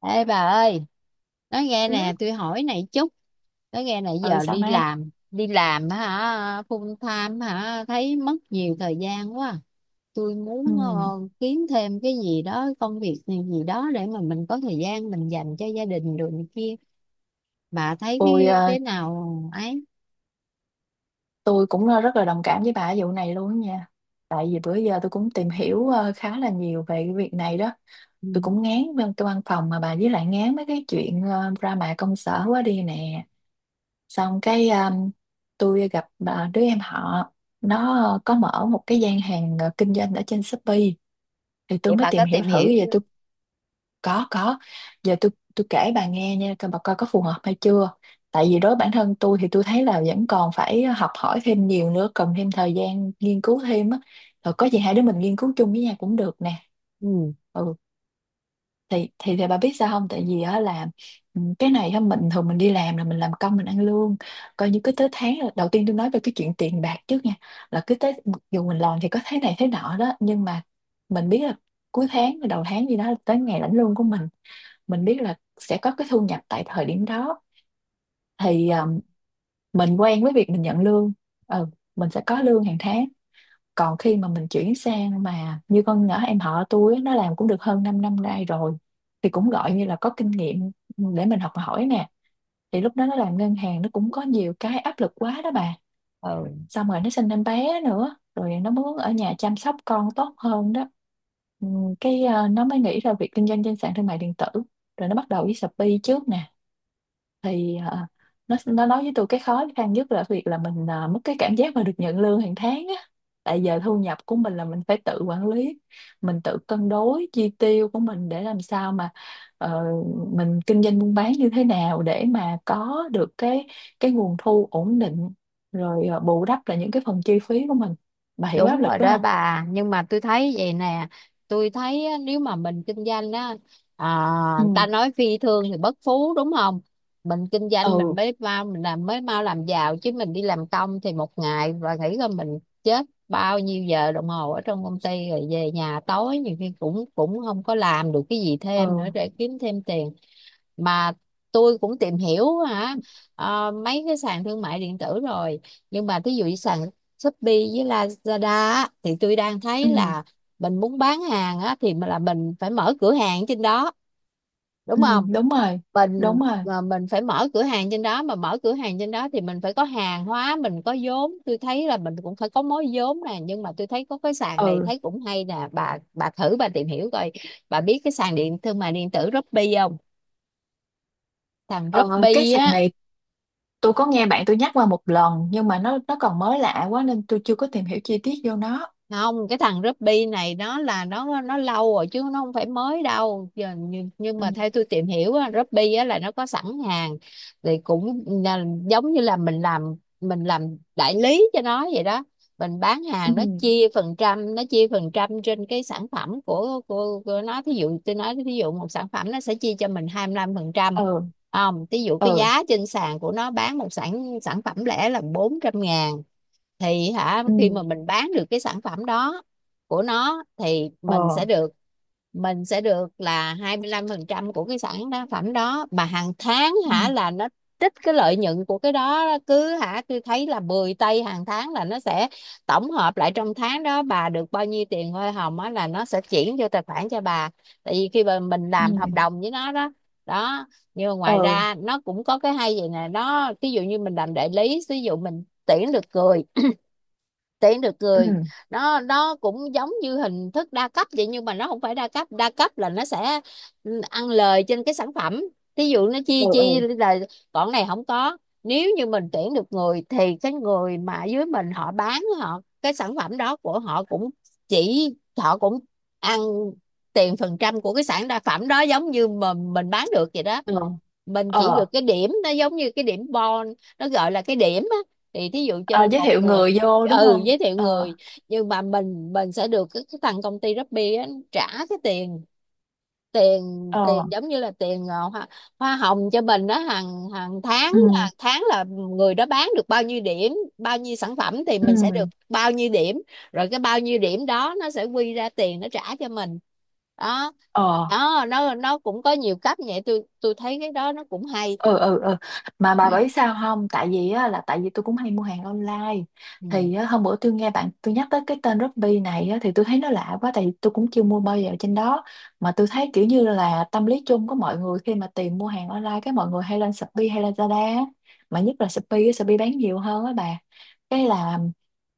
Ê bà ơi, nói nghe Ừ, nè, tôi hỏi này chút, nói nghe nãy ừ giờ sao đi mát. làm, đi làm hả, full time hả, thấy mất nhiều thời gian quá. Tôi muốn Ừ. Kiếm thêm cái gì đó, công việc gì gì đó để mà mình có thời gian mình dành cho gia đình rồi này kia. Bà thấy tôi cái, ờ, cái nào ấy. tôi cũng rất là đồng cảm với bà ở vụ này luôn á nha. Tại vì bữa giờ tôi cũng tìm hiểu khá là nhiều về cái việc này đó. Ừ. Tôi cũng ngán bên cái văn phòng mà bà, với lại ngán mấy cái chuyện drama công sở quá đi nè. Xong cái tôi gặp bà, đứa em họ, nó có mở một cái gian hàng kinh doanh ở trên Shopee. Thì tôi Vậy mới bà có tìm hiểu tìm thử hiểu vậy. chưa? Tôi có. Giờ tôi kể bà nghe nha, coi bà coi có phù hợp hay chưa. Tại vì đối với bản thân tôi thì tôi thấy là vẫn còn phải học hỏi thêm nhiều nữa, cần thêm thời gian nghiên cứu thêm á. Rồi có gì hai đứa mình nghiên cứu chung với nhau cũng được nè. Ừ, Ừ. Thì bà biết sao không, tại vì á là, ừ, cái này á mình thường mình đi làm là mình làm công mình ăn lương. Coi như cứ tới đầu tiên tôi nói về cái chuyện tiền bạc trước nha. Là cứ tới, mặc dù mình làm thì có thế này thế nọ đó nhưng mà mình biết là cuối tháng đầu tháng gì đó là tới ngày lãnh lương của mình. Mình biết là sẽ có cái thu nhập tại thời điểm đó. Thì ừ, mình quen với việc mình nhận lương. Ừ, mình sẽ có lương hàng tháng. Còn khi mà mình chuyển sang mà như con nhỏ em họ tôi á, nó làm cũng được hơn 5 năm nay rồi. Thì cũng gọi như là có kinh nghiệm để mình học hỏi nè. Thì lúc đó nó làm ngân hàng, nó cũng có nhiều cái áp lực quá đó bà. ừ. Xong rồi nó sinh em bé nữa, rồi nó muốn ở nhà chăm sóc con tốt hơn đó. Ừ. Nó mới nghĩ ra việc kinh doanh trên sàn thương mại điện tử, rồi nó bắt đầu với Shopee trước nè. Thì nó nói với tôi cái khó khăn nhất là việc là mình mất cái cảm giác mà được nhận lương hàng tháng á. Tại giờ thu nhập của mình là mình phải tự quản lý, mình tự cân đối chi tiêu của mình để làm sao mà ờ, mình kinh doanh buôn bán như thế nào để mà có được cái nguồn thu ổn định, rồi bù đắp lại những cái phần chi phí của mình. Bà hiểu áp Đúng lực rồi đó đó không? bà, nhưng mà tôi thấy vậy nè, tôi thấy á, nếu mà mình kinh doanh á, à, Ừ, ta nói phi thương thì bất phú đúng không? Mình kinh doanh mình ừ, mới mau, mình làm mới mau làm giàu, chứ mình đi làm công thì một ngày và nghĩ là mình chết bao nhiêu giờ đồng hồ ở trong công ty, rồi về nhà tối nhiều khi cũng cũng không có làm được cái gì thêm nữa ừ, để kiếm thêm tiền. Mà tôi cũng tìm hiểu hả, mấy cái sàn thương mại điện tử rồi, nhưng mà thí dụ như sàn Shopee với Lazada á, thì tôi đang thấy ừ, là mình muốn bán hàng á, thì là mình phải mở cửa hàng trên đó, đúng ừ, không? đúng rồi, mình đúng rồi. mà mình phải mở cửa hàng trên đó, mà mở cửa hàng trên đó thì mình phải có hàng hóa, mình có vốn, tôi thấy là mình cũng phải có mối vốn nè. Nhưng mà tôi thấy có cái sàn này Ừ. thấy cũng hay nè, bà thử bà tìm hiểu coi. Bà biết cái sàn điện thương mại điện tử Shopee không? Sàn ờ, Shopee cái sàn á. này tôi có nghe bạn tôi nhắc qua một lần nhưng mà nó còn mới lạ quá nên tôi chưa có tìm hiểu chi tiết vô nó. Không, cái thằng Ruby này nó là nó lâu rồi chứ nó không phải mới đâu giờ, nhưng, nhưng Ừ, mà theo tôi tìm hiểu á, Ruby á là nó có sẵn hàng. Thì cũng là, giống như là mình làm đại lý cho nó vậy đó. Mình bán ừ, hàng nó chia phần trăm, nó chia phần trăm trên cái sản phẩm của nó. Thí dụ tôi nói thí dụ một sản phẩm nó sẽ chia cho mình 25 phần trăm. ừ, Không, thí dụ cái ừ, giá trên sàn của nó bán một sản sản phẩm lẻ là 400 ngàn, thì hả ừ, khi mà mình bán được cái sản phẩm đó của nó thì ờ, mình sẽ được là 25% của cái sản phẩm đó. Mà hàng tháng ừ, hả là nó trích cái lợi nhuận của cái đó, cứ hả tôi thấy là 10 tây hàng tháng là nó sẽ tổng hợp lại trong tháng đó bà được bao nhiêu tiền hoa hồng á, là nó sẽ chuyển vô tài khoản cho bà, tại vì khi mà mình làm hợp ừ, đồng với nó đó. Đó, nhưng mà ngoài ừ, ra nó cũng có cái hay vậy nè, nó ví dụ như mình làm đại lý, ví dụ mình tuyển được người, tiễn được người, ừ, nó cũng giống như hình thức đa cấp vậy, nhưng mà nó không phải đa cấp. Đa cấp là nó sẽ ăn lời trên cái sản phẩm, ví dụ nó chia ừ, chia ừ, là, còn này không có. Nếu như mình tuyển được người thì cái người mà dưới mình, họ bán họ cái sản phẩm đó của họ cũng chỉ, họ cũng ăn tiền phần trăm của cái sản đa phẩm đó giống như mà mình bán được vậy đó. ừ, Mình chỉ ờ. được cái điểm, nó giống như cái điểm bon, nó gọi là cái điểm á. Thì thí dụ cho Ờ, nên giới một thiệu người người vô đúng không? giới thiệu Ờ. người, nhưng mà mình sẽ được cái, thằng công ty Shopee á trả cái tiền tiền Ờ, tiền giống như là tiền hoa hồng cho mình đó. hàng hàng tháng ừ, hàng tháng là người đó bán được bao nhiêu điểm, bao nhiêu sản phẩm thì ừ, mình sẽ được bao nhiêu điểm. Rồi cái bao nhiêu điểm đó nó sẽ quy ra tiền, nó trả cho mình đó. ờ, Đó, nó cũng có nhiều cách vậy, tôi thấy cái đó nó cũng hay. ừ, ừ, ừ. Mà bà biết sao không, tại vì á, là tại vì tôi cũng hay mua hàng online. Ừ. Thì á, hôm bữa tôi nghe bạn tôi nhắc tới cái tên Shopee này á, thì tôi thấy nó lạ quá tại vì tôi cũng chưa mua bao giờ trên đó. Mà tôi thấy kiểu như là tâm lý chung của mọi người khi mà tìm mua hàng online cái mọi người hay lên Shopee hay là Lazada á. Mà nhất là Shopee á, Shopee bán nhiều hơn á bà. Cái là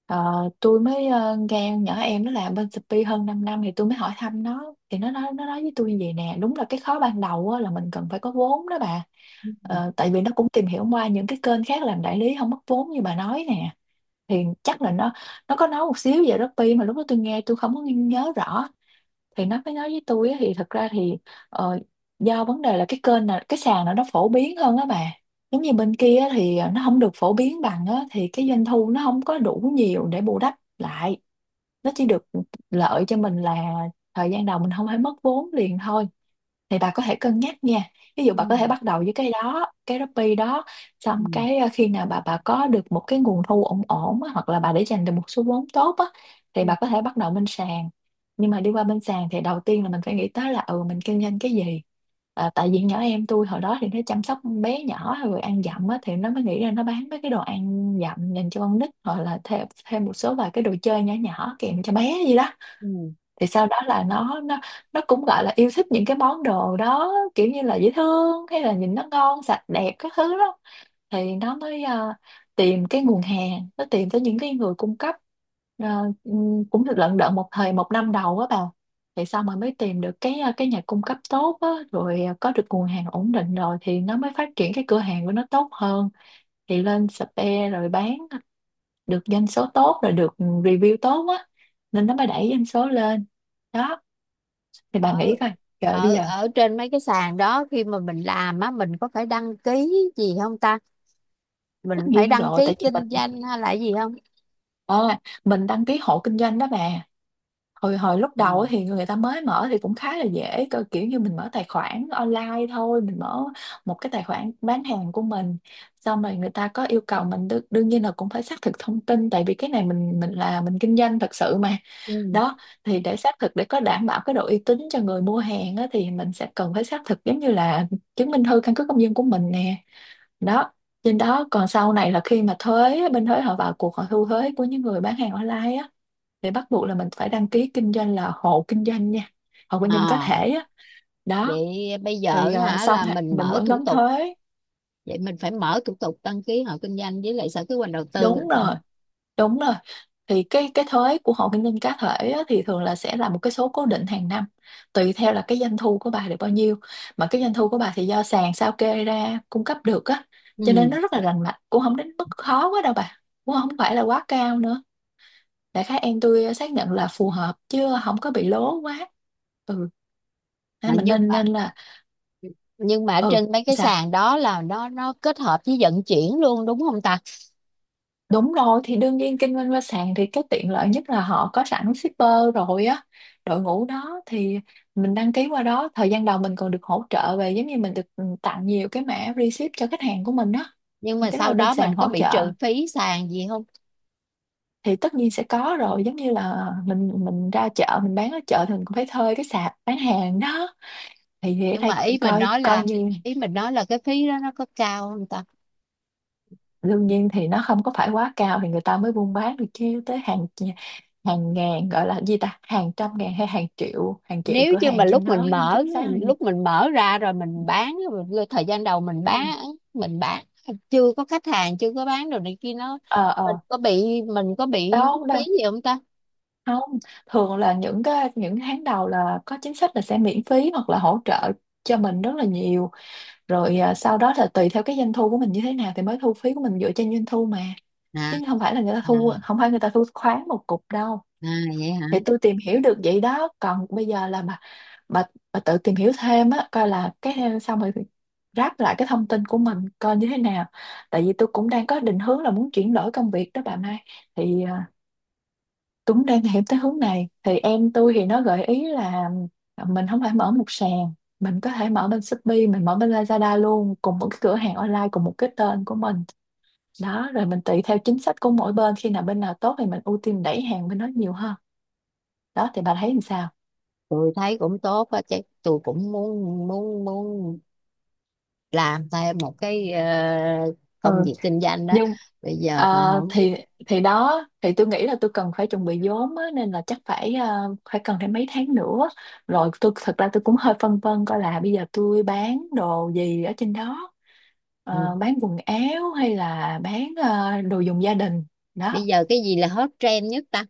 ờ, tôi mới nghe nhỏ em nó làm bên Shopee hơn 5 năm thì tôi mới hỏi thăm nó, thì nó nói với tôi như vậy nè. Đúng là cái khó ban đầu á, là mình cần phải có vốn đó bà. Ờ, tại vì nó cũng tìm hiểu qua những cái kênh khác làm đại lý không mất vốn như bà nói nè. Thì chắc là nó có nói một xíu về Shopee mà lúc đó tôi nghe tôi không có nhớ rõ. Thì nó mới nói với tôi á, thì thật ra thì ờ, do vấn đề là cái kênh này, cái sàn này nó phổ biến hơn á bà. Giống như bên kia á thì nó không được phổ biến bằng á, thì cái doanh thu nó không có đủ nhiều để bù đắp lại. Nó chỉ được lợi cho mình là thời gian đầu mình không phải mất vốn liền thôi. Thì bà có thể cân nhắc nha. Ví dụ bà có thể bắt đầu với cái đó, cái Shopee đó. Xong cái khi nào bà có được một cái nguồn thu ổn ổn á, hoặc là bà để dành được một số vốn tốt á, thì bà có thể bắt đầu bên sàn. Nhưng mà đi qua bên sàn thì đầu tiên là mình phải nghĩ tới là, ừ, mình kinh doanh cái gì. Tại vì nhỏ em tôi hồi đó thì nó chăm sóc bé nhỏ rồi ăn dặm á, thì nó mới nghĩ ra nó bán mấy cái đồ ăn dặm dành cho con nít, hoặc là thêm thêm một số vài cái đồ chơi nhỏ nhỏ kèm cho bé gì đó. Ừ. Thì sau đó là nó cũng gọi là yêu thích những cái món đồ đó, kiểu như là dễ thương hay là nhìn nó ngon sạch đẹp các thứ đó. Thì nó mới tìm cái nguồn hàng, nó tìm tới những cái người cung cấp. Ờ, cũng được lận đận một năm đầu á bà. Thì sau mà mới tìm được cái nhà cung cấp tốt á, rồi có được nguồn hàng ổn định rồi thì nó mới phát triển cái cửa hàng của nó tốt hơn. Thì lên spare rồi bán được doanh số tốt rồi được review tốt á, nên nó mới đẩy doanh số lên đó. Thì bà ở nghĩ coi. Trời bây ở giờ. ở trên mấy cái sàn đó khi mà mình làm á, mình có phải đăng ký gì không ta? Tất Mình phải nhiên đăng rồi, ký tại vì kinh mình doanh hay là gì không? à, mình đăng ký hộ kinh doanh đó bà. Hồi hồi lúc Ừ. đầu á thì người ta mới mở thì cũng khá là dễ cơ, kiểu như mình mở tài khoản online thôi, mình mở một cái tài khoản bán hàng của mình. Xong rồi người ta có yêu cầu mình, đương nhiên là cũng phải xác thực thông tin, tại vì cái này mình là mình kinh doanh thật sự mà. Ừ. Đó. Thì để xác thực để có đảm bảo cái độ uy tín cho người mua hàng á, thì mình sẽ cần phải xác thực giống như là chứng minh thư căn cước công dân của mình nè. Đó. Trên đó, còn sau này là khi mà thuế, bên thuế họ vào cuộc họ thu thuế của những người bán hàng online á, thì bắt buộc là mình phải đăng ký kinh doanh là hộ kinh doanh nha, hộ kinh doanh cá À, thể á. Đó. vậy bây giờ Thì hả là mình mình mở vẫn thủ đóng tục, thuế. vậy mình phải mở thủ tục đăng ký hộ kinh doanh với lại sở kế hoạch đầu tư Đúng rồi. rồi, đúng rồi. Thì cái thuế của hộ kinh doanh cá thể á, thì thường là sẽ là một cái số cố định hàng năm, tùy theo là cái doanh thu của bà được bao nhiêu. Mà cái doanh thu của bà thì do sàn sao kê ra cung cấp được á, cho nên Ừ. nó rất là rành mạch, cũng không đến mức khó quá đâu bà. Cũng không phải là quá cao nữa. Đại khái em tôi xác nhận là phù hợp chứ không có bị lố quá. Ừ. À, Nên mình nhưng nên mà nên là. nhưng mà Ừ trên mấy cái sao. sàn đó là nó kết hợp với vận chuyển luôn, đúng không ta? Đúng rồi. Thì đương nhiên kinh doanh qua sàn thì cái tiện lợi nhất là họ có sẵn shipper, rồi á, đội ngũ đó thì mình đăng ký qua đó thời gian đầu mình còn được hỗ trợ về, giống như mình được, ừ, tặng nhiều cái mã receipt cho khách hàng của mình á. Nhưng Mình mà cái đó sau là bên đó mình sàn có hỗ bị trợ. trừ phí sàn gì không? Thì tất nhiên sẽ có rồi, giống như là mình ra chợ mình bán ở chợ thì mình cũng phải thuê cái sạp bán hàng đó. Thì ở Nhưng đây mà ý cũng mình coi nói coi là như. ý mình nói là cái phí đó nó có cao không ta? Đương nhiên thì nó không có phải quá cao thì người ta mới buôn bán được, chứ tới hàng hàng ngàn, gọi là gì ta, hàng trăm ngàn hay hàng triệu Nếu cửa như mà hàng trên lúc đó mình không mở chính xác là gì. lúc mình mở ra rồi mình bán, rồi thời gian đầu mình Ừ. bán mình bán chưa có khách hàng, chưa có bán đồ này kia nó, Ờ mình ờ, có bị mình có bị mất đâu phí đâu, gì không ta? không. Thường là những cái tháng đầu là có chính sách là sẽ miễn phí hoặc là hỗ trợ cho mình rất là nhiều rồi. Sau đó là tùy theo cái doanh thu của mình như thế nào thì mới thu phí của mình dựa trên doanh thu mà, à chứ không phải là người ta thu, à, không phải người ta thu khoán một cục đâu. À vậy hả? Thì tôi tìm hiểu được vậy đó, còn bây giờ là bà, bà tự tìm hiểu thêm á, coi là cái xong rồi ráp lại cái thông tin của mình coi như thế nào. Tại vì tôi cũng đang có định hướng là muốn chuyển đổi công việc đó bà Mai, thì tôi cũng đang hiểu tới hướng này, thì em tôi thì nó gợi ý là mình không phải mở một sàn, mình có thể mở bên Shopee, mình mở bên Lazada luôn, cùng một cái cửa hàng online, cùng một cái tên của mình đó. Rồi mình tùy theo chính sách của mỗi bên, khi nào bên nào tốt thì mình ưu tiên đẩy hàng bên đó nhiều hơn đó, thì bà thấy làm sao? Tôi thấy cũng tốt á chứ, tôi cũng muốn muốn muốn làm thêm một cái Ừ, công việc kinh doanh đó. nhưng Bây giờ mà không biết. thì đó, thì tôi nghĩ là tôi cần phải chuẩn bị vốn á, nên là chắc phải phải cần thêm mấy tháng nữa. Rồi tôi thật ra tôi cũng hơi phân vân coi là bây giờ tôi bán đồ gì ở trên đó. Ừ. Ờ, bán quần áo hay là bán đồ dùng gia đình Bây đó. giờ cái gì là hot trend nhất ta?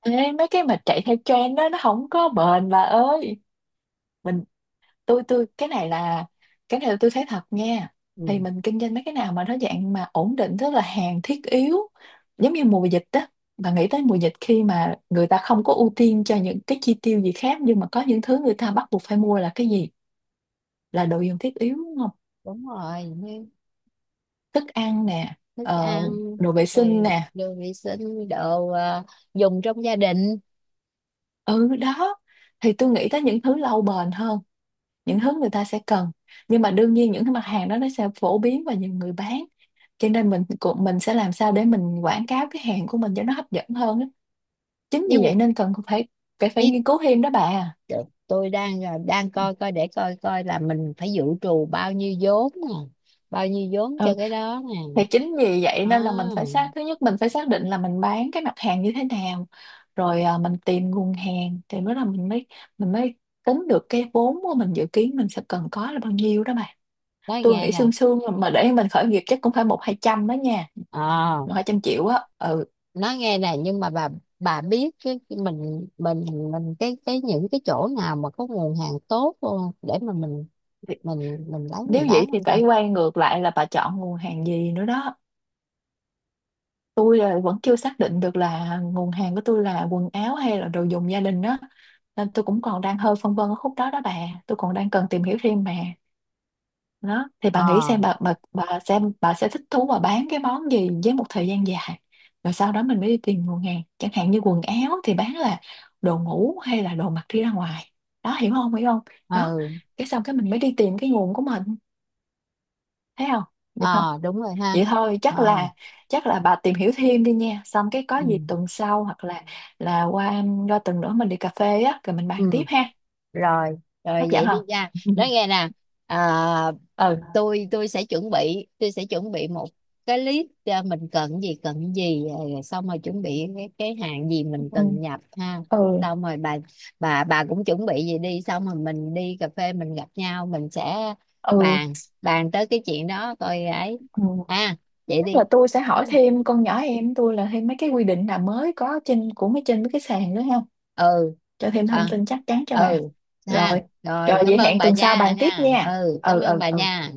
Ê, mấy cái mà chạy theo trend đó nó không có bền bà ơi. mình tôi cái này là tôi thấy thật nha. Thì Ừ. mình kinh doanh mấy cái nào mà nó dạng mà ổn định, tức là hàng thiết yếu, giống như mùa dịch đó. Bà nghĩ tới mùa dịch, khi mà người ta không có ưu tiên cho những cái chi tiêu gì khác, nhưng mà có những thứ người ta bắt buộc phải mua là cái gì? Là đồ dùng thiết yếu đúng không? Đúng rồi, như Thức ăn nè, thức ờ, ăn, đồ vệ sinh rồi nè. đồ vệ sinh, đồ dùng trong gia đình. Ừ đó, thì tôi nghĩ tới những thứ lâu bền hơn, những thứ người ta sẽ cần. Nhưng mà đương nhiên những cái mặt hàng đó nó sẽ phổ biến và nhiều người bán, cho nên mình sẽ làm sao để mình quảng cáo cái hàng của mình cho nó hấp dẫn hơn á. Chính với, vì vậy nên cần phải phải phải với nghiên cứu thêm đó bà. Tôi đang coi coi để coi coi là mình phải dự trù bao nhiêu vốn nè, bao nhiêu vốn cho Ừ, cái đó nè. thì chính vì vậy à, nên là mình phải xác, thứ nhất mình phải xác định là mình bán cái mặt hàng như thế nào, rồi mình tìm nguồn hàng, thì mới là mình mới tính được cái vốn của mình dự kiến mình sẽ cần có là bao nhiêu đó bà. nói Tôi nghe nghĩ nè. sương sương mà để mình khởi nghiệp chắc cũng phải một hai trăm đó nha, Ờ, một hai trăm triệu á. Ừ. Nhưng mà bà biết cái mình cái những cái chỗ nào mà có nguồn hàng tốt không, để mà mình Thì- mình mình lấy Nếu mình bán vậy thì không ta? phải quay ngược lại là bà chọn nguồn hàng gì nữa đó. Tôi là vẫn chưa xác định được là nguồn hàng của tôi là quần áo hay là đồ dùng gia đình đó. Nên tôi cũng còn đang hơi phân vân ở khúc đó đó bà. Tôi còn đang cần tìm hiểu thêm mà. Đó, thì bà nghĩ Ờ. xem, bà xem bà sẽ thích thú và bán cái món gì với một thời gian dài. Rồi sau đó mình mới đi tìm nguồn hàng. Chẳng hạn như quần áo thì bán là đồ ngủ hay là đồ mặc đi ra ngoài. Đó hiểu không? Hiểu không? Đó. Ừ. Cái xong cái mình mới đi tìm cái nguồn của mình. Thấy không? Được không? Ờ, đúng rồi ha. Vậy thôi, Ờ. chắc là bà tìm hiểu thêm đi nha, xong cái có Ừ. gì tuần sau hoặc là qua qua tuần nữa mình đi cà phê á, rồi mình bàn tiếp Ừ. ha. rồi Hấp rồi dẫn vậy đi không? nha, nói nghe nè. à, Ừ tôi sẽ chuẩn bị một cái list, mình cần gì rồi, xong rồi chuẩn bị cái hàng gì mình ừ cần nhập ha. ừ Xong rồi bà cũng chuẩn bị gì đi, xong rồi mình đi cà phê, mình gặp nhau, mình sẽ ừ bàn bàn tới cái chuyện đó coi ấy. ừ. À, vậy Chắc đi. là tôi sẽ hỏi thêm con nhỏ em tôi là thêm mấy cái quy định nào mới có trên mấy mấy cái sàn nữa không, Ừ. cho thêm thông à, tin chắc chắn cho bà. ừ ha. Rồi, rồi Rồi, cảm vậy ơn hẹn bà tuần sau gia bàn tiếp nha. nha. Ừ, cảm Ừ ơn ừ bà ừ. nha.